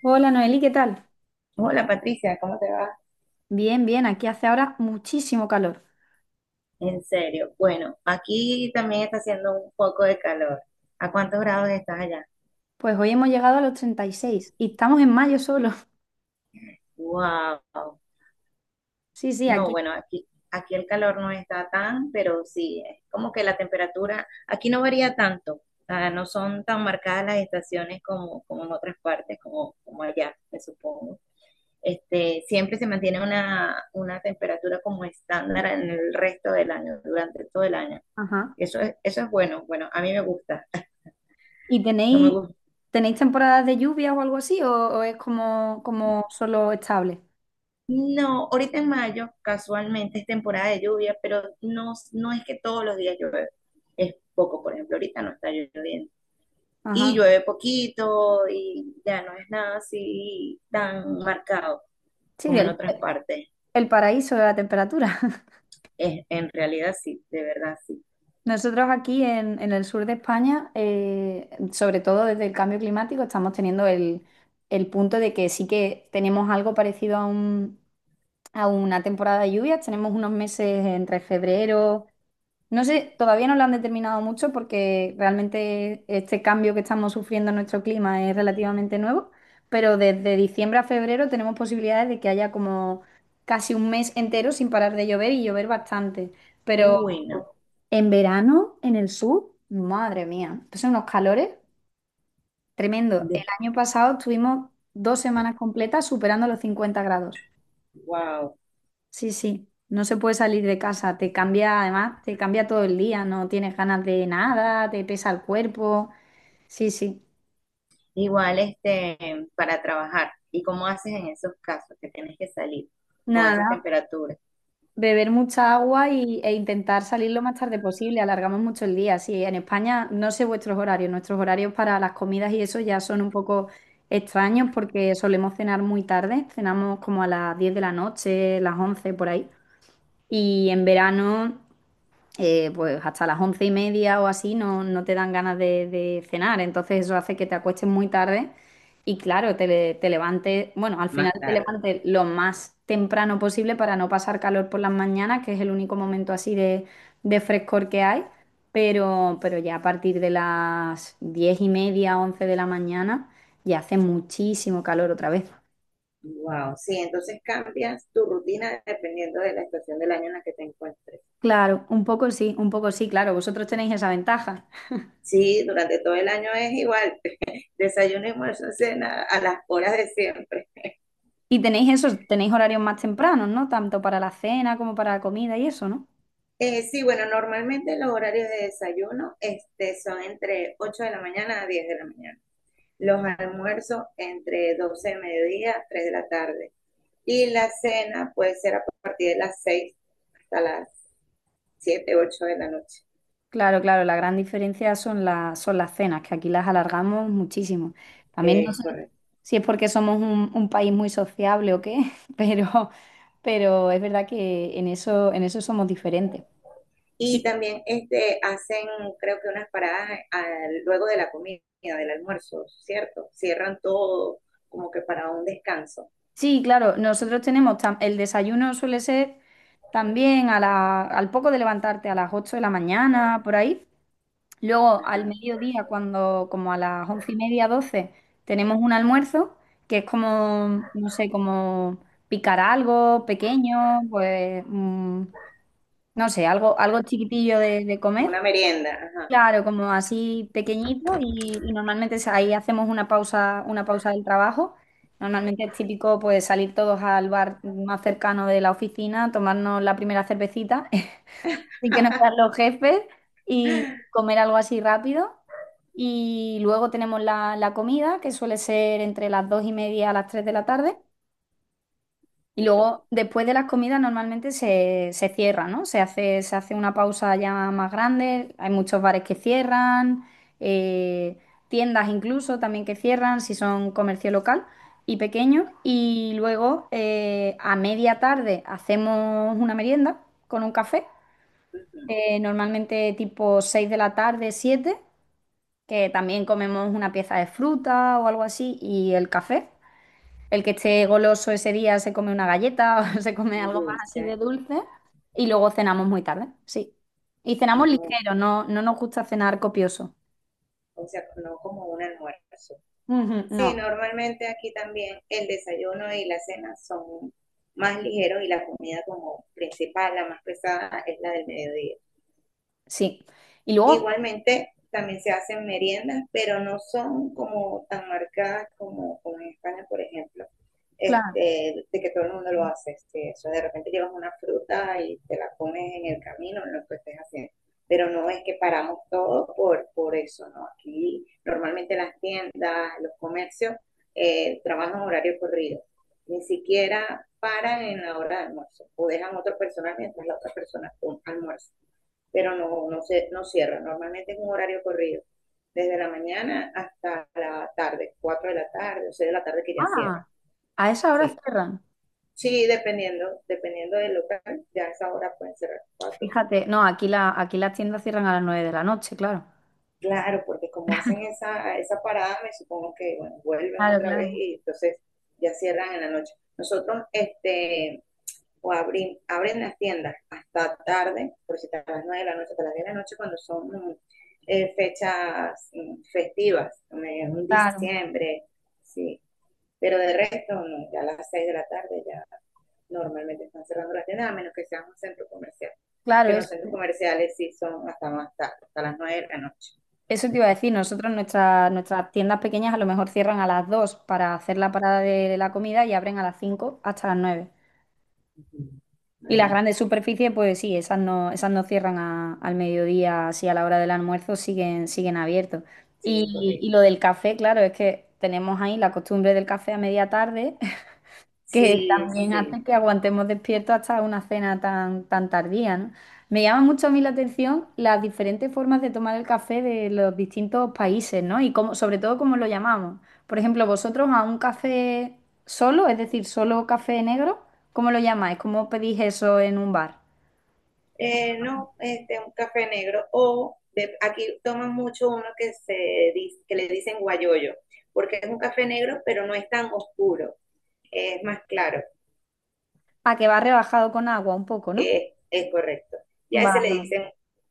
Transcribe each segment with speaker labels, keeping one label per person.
Speaker 1: Hola Noeli, ¿qué tal?
Speaker 2: Hola Patricia, ¿cómo te va?
Speaker 1: Bien, bien, aquí hace ahora muchísimo calor.
Speaker 2: En serio, bueno, aquí también está haciendo un poco de calor. ¿A cuántos grados estás allá?
Speaker 1: Pues hoy hemos llegado a los 36 y seis y estamos en mayo solo.
Speaker 2: Wow.
Speaker 1: Sí, sí,
Speaker 2: No,
Speaker 1: aquí.
Speaker 2: bueno, aquí el calor no está tan, pero sí, es como que la temperatura aquí no varía tanto. Ah, no son tan marcadas las estaciones como en otras partes, como allá, me supongo. Siempre se mantiene una temperatura como estándar en el resto del año, durante todo el año.
Speaker 1: Ajá.
Speaker 2: Eso es bueno, bueno, a mí me gusta.
Speaker 1: ¿Y
Speaker 2: No me
Speaker 1: tenéis,
Speaker 2: gusta.
Speaker 1: tenéis temporadas de lluvia o algo así o es como, como solo estable?
Speaker 2: No, ahorita en mayo, casualmente es temporada de lluvia, pero no es que todos los días llueve. Es poco, por ejemplo, ahorita no está lloviendo. Y
Speaker 1: Ajá.
Speaker 2: llueve poquito y ya no es nada así tan marcado
Speaker 1: Sí,
Speaker 2: como en otras partes.
Speaker 1: el paraíso de la temperatura.
Speaker 2: Es, en realidad sí, de verdad sí.
Speaker 1: Nosotros aquí en el sur de España, sobre todo desde el cambio climático, estamos teniendo el punto de que sí que tenemos algo parecido a a una temporada de lluvias. Tenemos unos meses entre febrero. No sé, todavía no lo han determinado mucho porque realmente este cambio que estamos sufriendo en nuestro clima es relativamente nuevo, pero desde diciembre a febrero tenemos posibilidades de que haya como casi un mes entero sin parar de llover y llover bastante. Pero
Speaker 2: Uy, no.
Speaker 1: en verano, en el sur, madre mía, son unos calores tremendo. El
Speaker 2: De-
Speaker 1: año pasado estuvimos dos semanas completas superando los 50 grados.
Speaker 2: wow.
Speaker 1: Sí, sí, no se puede salir de casa, te cambia, además, te cambia todo el día, no tienes ganas de nada, te pesa el cuerpo, sí, sí.
Speaker 2: Igual para trabajar. ¿Y cómo haces en esos casos que tienes que salir con esas
Speaker 1: Nada,
Speaker 2: temperaturas
Speaker 1: beber mucha agua e intentar salir lo más tarde posible, alargamos mucho el día, sí, en España no sé vuestros horarios, nuestros horarios para las comidas y eso ya son un poco extraños porque solemos cenar muy tarde, cenamos como a las 10 de la noche, las 11 por ahí, y en verano... pues hasta las once y media o así no, no te dan ganas de cenar. Entonces eso hace que te acuestes muy tarde y claro, te levantes, bueno, al final
Speaker 2: más
Speaker 1: te
Speaker 2: tarde?
Speaker 1: levantes lo más temprano posible para no pasar calor por las mañanas, que es el único momento así de frescor que hay. Pero ya a partir de las diez y media, once de la mañana, ya hace muchísimo calor otra vez.
Speaker 2: Wow, sí, entonces cambias tu rutina dependiendo de la estación del año en la que te encuentres.
Speaker 1: Claro, un poco sí, claro, vosotros tenéis esa ventaja.
Speaker 2: Sí, durante todo el año es igual, desayuno, almuerzo, cena a las horas de siempre.
Speaker 1: Y tenéis eso, tenéis horarios más tempranos, ¿no? Tanto para la cena como para la comida y eso, ¿no?
Speaker 2: Sí, bueno, normalmente los horarios de desayuno son entre 8 de la mañana a 10 de la mañana. Los almuerzos entre 12 de mediodía a 3 de la tarde. Y la cena puede ser a partir de las 6 hasta las 7, 8 de la noche.
Speaker 1: Claro, claro, la gran diferencia son, son las cenas, que aquí las alargamos muchísimo. También no
Speaker 2: Es
Speaker 1: sé
Speaker 2: correcto.
Speaker 1: si es porque somos un país muy sociable o qué, pero, pero es verdad que en eso somos diferentes.
Speaker 2: Y
Speaker 1: Y
Speaker 2: también creo que unas paradas luego de la comida, del almuerzo, ¿cierto? Cierran todo como que para un descanso,
Speaker 1: sí, claro, nosotros tenemos, el desayuno suele ser también al poco de levantarte a las 8 de la mañana, por ahí. Luego, al
Speaker 2: ajá,
Speaker 1: mediodía, cuando, como a las once y media, doce, tenemos un almuerzo que es como, no sé, como picar algo pequeño, pues, no sé, algo, algo chiquitillo de
Speaker 2: como
Speaker 1: comer.
Speaker 2: una merienda, ajá.
Speaker 1: Claro, como así pequeñito y normalmente es ahí hacemos una pausa del trabajo. Normalmente es típico pues salir todos al bar más cercano de la oficina, tomarnos la primera cervecita. Así que nos quedan los jefes y comer algo así rápido. Y luego tenemos la comida, que suele ser entre las dos y media a las tres de la tarde. Y luego,
Speaker 2: Ok,
Speaker 1: después de las comidas, normalmente se cierra, ¿no? Se hace una pausa ya más grande. Hay muchos bares que cierran, eh, tiendas incluso también que cierran, si son comercio local y pequeño. Y luego, a media tarde, hacemos una merienda con un café,
Speaker 2: ujú,
Speaker 1: normalmente tipo 6 de la tarde, siete, que también comemos una pieza de fruta o algo así, y el café. El que esté goloso ese día se come una galleta o se come
Speaker 2: un
Speaker 1: algo más así
Speaker 2: dulce,
Speaker 1: de dulce, y luego cenamos muy tarde, sí. Y cenamos
Speaker 2: no,
Speaker 1: ligero, no, no nos gusta cenar copioso.
Speaker 2: o sea, no como un almuerzo.
Speaker 1: Ujú,
Speaker 2: Sí,
Speaker 1: no,
Speaker 2: normalmente aquí también el desayuno y la cena son más ligeros y la comida como principal, la más pesada, es la del mediodía.
Speaker 1: sí. Y luego,
Speaker 2: Igualmente, también se hacen meriendas, pero no son como tan marcadas como, como en España, por ejemplo,
Speaker 1: claro,
Speaker 2: de que todo el mundo lo hace. Eso de repente llevas una fruta y te la comes en el camino, en lo que estés haciendo. Pero no es que paramos todo por eso, ¿no? Aquí normalmente las tiendas, los comercios trabajan horario corrido. Ni siquiera paran en la hora de almuerzo o dejan a otra persona mientras la otra persona almuerza, pero no cierra. Normalmente es un horario corrido, desde la mañana hasta la tarde, 4 de la tarde o 6 de la tarde que ya cierra.
Speaker 1: ah, a esa hora
Speaker 2: Sí,
Speaker 1: cierran.
Speaker 2: sí, dependiendo del local, ya a esa hora pueden cerrar cuatro.
Speaker 1: Fíjate, no, aquí la, aquí las tiendas cierran a las 9 de la noche, claro.
Speaker 2: Claro, porque como hacen esa parada, me supongo que bueno, vuelven
Speaker 1: Claro,
Speaker 2: otra vez
Speaker 1: claro.
Speaker 2: y entonces ya cierran en la noche. Nosotros abren las tiendas hasta tarde, por si hasta las 9 de la noche, hasta las 10 de la noche, cuando son fechas festivas, en
Speaker 1: Claro,
Speaker 2: diciembre, sí. Pero de resto, no, ya a las 6 de la tarde ya normalmente están cerrando las tiendas, a menos que sea un centro comercial.
Speaker 1: claro,
Speaker 2: Que en
Speaker 1: es.
Speaker 2: los centros comerciales sí son hasta más tarde, hasta las 9 de la noche.
Speaker 1: Eso te iba a decir, nosotros nuestras tiendas pequeñas a lo mejor cierran a las 2 para hacer la parada de la comida y abren a las 5 hasta las nueve.
Speaker 2: Uh-huh.
Speaker 1: Y las
Speaker 2: Imagínate,
Speaker 1: grandes
Speaker 2: sí,
Speaker 1: superficies, pues sí, esas no cierran al mediodía, así a la hora del almuerzo siguen, siguen abiertos.
Speaker 2: siguen
Speaker 1: Y
Speaker 2: corriendo.
Speaker 1: lo del café, claro, es que tenemos ahí la costumbre del café a media tarde, que
Speaker 2: Sí,
Speaker 1: también
Speaker 2: sí,
Speaker 1: hace que aguantemos despiertos hasta una cena tan, tan tardía, ¿no? Me llama mucho a mí la atención las diferentes formas de tomar el café de los distintos países, ¿no? Y cómo, sobre todo cómo lo llamamos. Por ejemplo, vosotros a un café solo, es decir, solo café negro, ¿cómo lo llamáis? ¿Cómo pedís eso en un bar?
Speaker 2: no, un café negro. Aquí toman mucho uno que le dicen guayoyo, porque es un café negro, pero no es tan oscuro, es más claro,
Speaker 1: A que va rebajado con agua un poco, ¿no?
Speaker 2: es correcto. Y a ese le
Speaker 1: Vale.
Speaker 2: dicen,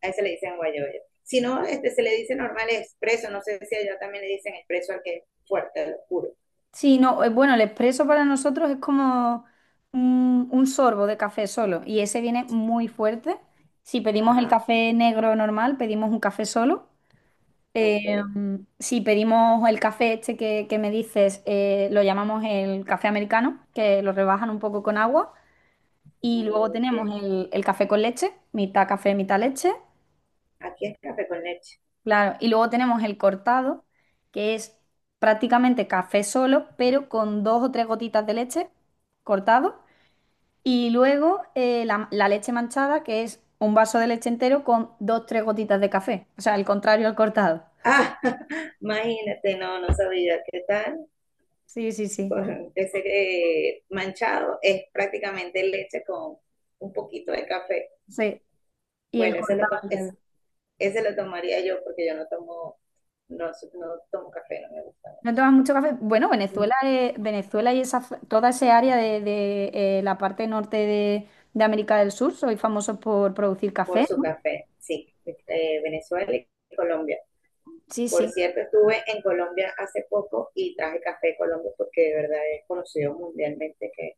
Speaker 2: a ese le dicen guayoyo. Si no, se le dice normal expreso, no sé si allá también le dicen expreso al que es fuerte, al oscuro.
Speaker 1: Sí, no, bueno, el expreso para nosotros es como un sorbo de café solo y ese viene muy fuerte. Si pedimos el
Speaker 2: Ajá,
Speaker 1: café negro normal, pedimos un café solo.
Speaker 2: ok,
Speaker 1: Eh, si pedimos el café este que me dices, lo llamamos el café americano, que lo rebajan un poco con agua. Y luego
Speaker 2: ok.
Speaker 1: tenemos el café con leche, mitad café, mitad leche.
Speaker 2: Aquí es café con leche.
Speaker 1: Claro, y luego tenemos el cortado, que es prácticamente café solo, pero con dos o tres gotitas de leche cortado. Y luego la leche manchada, que es un vaso de leche entero con dos o tres gotitas de café. O sea, el contrario al cortado.
Speaker 2: Ah, imagínate, no, no sabía. ¿Qué tal?
Speaker 1: Sí, sí, sí.
Speaker 2: Correcto. Ese manchado es prácticamente leche con un poquito de café.
Speaker 1: Sí. Y el
Speaker 2: Bueno,
Speaker 1: cortado al revés.
Speaker 2: ese lo tomaría yo porque yo no tomo, no, su- no tomo café, no me gusta.
Speaker 1: ¿No tomas mucho café? Bueno,
Speaker 2: Mm,
Speaker 1: Venezuela, Venezuela y esa, f- toda esa área de, la parte norte de América del Sur, soy famosos por producir
Speaker 2: por
Speaker 1: café,
Speaker 2: su
Speaker 1: ¿no?
Speaker 2: café, sí, Venezuela y Colombia.
Speaker 1: Sí,
Speaker 2: Por
Speaker 1: sí.
Speaker 2: cierto, estuve en Colombia hace poco y traje café de Colombia porque de verdad es conocido mundialmente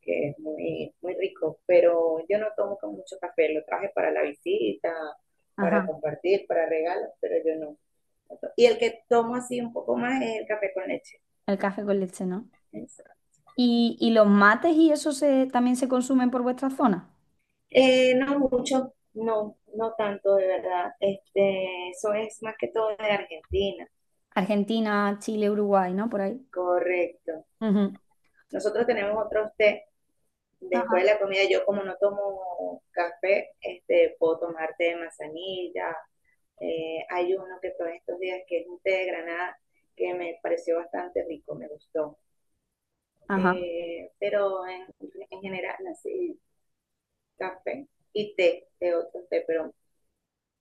Speaker 2: que es muy rico, pero yo no tomo con mucho café, lo traje para la visita,
Speaker 1: Ajá.
Speaker 2: para compartir, para regalos, pero yo no. Y el que tomo así un poco más es el café con leche.
Speaker 1: El café con leche, ¿no? Y los mates y eso se, también se consumen por vuestra zona?
Speaker 2: No mucho, no, no tanto, de verdad. Eso es más que todo de Argentina,
Speaker 1: Argentina, Chile, Uruguay, ¿no? Por ahí.
Speaker 2: correcto.
Speaker 1: Ujú.
Speaker 2: Nosotros tenemos otros té. Después de
Speaker 1: Ajá,
Speaker 2: la comida, yo como no tomo café, puedo tomar té de manzanilla. Hay uno que todos estos días que es un té de granada que me pareció bastante rico, me gustó.
Speaker 1: ajá.
Speaker 2: Eh, pero en, en general, así, café y té de otro té, pero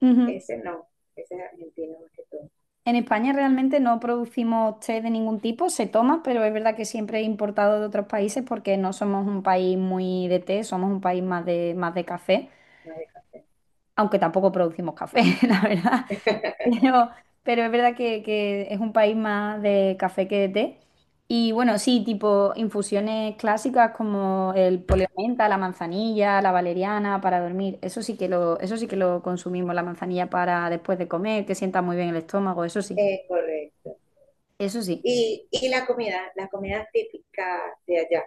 Speaker 1: Ujú.
Speaker 2: ese no, ese es argentino más que todo,
Speaker 1: En España realmente no producimos té de ningún tipo, se toma, pero es verdad que siempre he importado de otros países porque no somos un país muy de té, somos un país más de café,
Speaker 2: más de café.
Speaker 1: aunque tampoco producimos café, la verdad. Pero, pero es verdad que es un país más de café que de té. Y bueno, sí, tipo infusiones clásicas como el poleo de menta, la manzanilla, la valeriana para dormir. Eso sí que lo, eso sí que lo consumimos, la manzanilla para después de comer, que sienta muy bien el estómago, eso sí.
Speaker 2: Correcto.
Speaker 1: Eso sí.
Speaker 2: Y la comida típica de allá,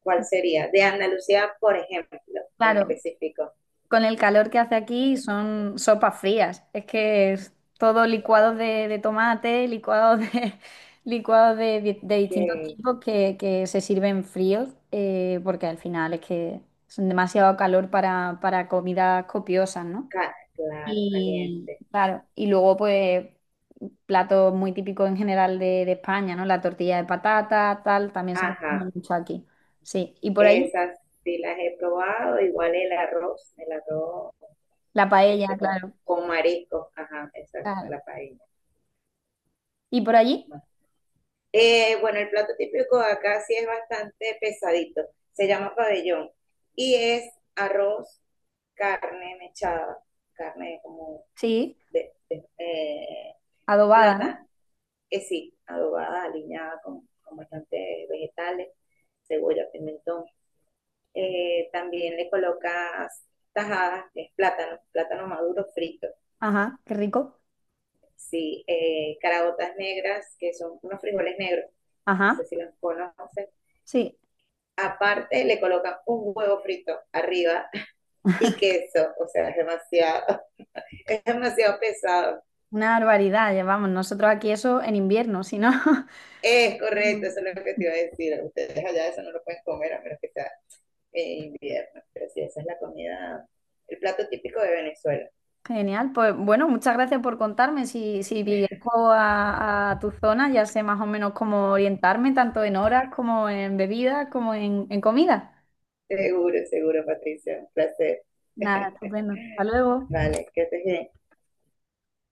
Speaker 2: ¿cuál sería? De Andalucía, por ejemplo, en
Speaker 1: Claro,
Speaker 2: específico,
Speaker 1: con el calor que hace aquí son sopas frías. Es que es todo licuado de tomate, licuado de, licuado de, di- de distintos
Speaker 2: que
Speaker 1: tipos que se sirven fríos, porque al final es que son demasiado calor para comidas copiosas, ¿no?
Speaker 2: claro,
Speaker 1: Y
Speaker 2: caliente.
Speaker 1: claro, y luego pues platos muy típicos en general de España, ¿no? La tortilla de patata, tal, también se
Speaker 2: Ajá,
Speaker 1: consume mucho aquí. Sí, y por allí
Speaker 2: esas sí las he probado, igual el arroz
Speaker 1: la paella,
Speaker 2: este, con,
Speaker 1: claro.
Speaker 2: con mariscos, ajá, exacto,
Speaker 1: Claro.
Speaker 2: la paella.
Speaker 1: ¿Y por allí?
Speaker 2: ¿No? Bueno, el plato típico acá sí es bastante pesadito. Se llama pabellón y es arroz, carne mechada, carne como
Speaker 1: Sí.
Speaker 2: de, de- eh,
Speaker 1: Adobada,
Speaker 2: plata,
Speaker 1: ¿no?
Speaker 2: sí, adobada, aliñada con bastantes vegetales, cebolla, pimentón. También le colocas tajadas, que es plátano, plátano maduro frito.
Speaker 1: Ajá, qué rico.
Speaker 2: Sí, caraotas negras, que son unos frijoles negros. No
Speaker 1: Ajá,
Speaker 2: sé si los conoces.
Speaker 1: sí,
Speaker 2: Aparte le colocan un huevo frito arriba y queso, o sea, es demasiado, es demasiado pesado.
Speaker 1: una barbaridad. Llevamos nosotros aquí eso en invierno, si no.
Speaker 2: Es
Speaker 1: Mm.
Speaker 2: correcto, eso es lo que te iba a decir. Ustedes allá eso no lo pueden comer a menos que sea en invierno, pero sí, esa es la comida, el plato típico de Venezuela.
Speaker 1: Genial, pues bueno, muchas gracias por contarme. Si, si viajo a tu zona, ya sé más o menos cómo orientarme, tanto en horas como en bebidas, como en comida.
Speaker 2: Seguro, seguro, Patricia, un placer.
Speaker 1: Nada, estupendo. Hasta luego.
Speaker 2: Vale, que estés bien.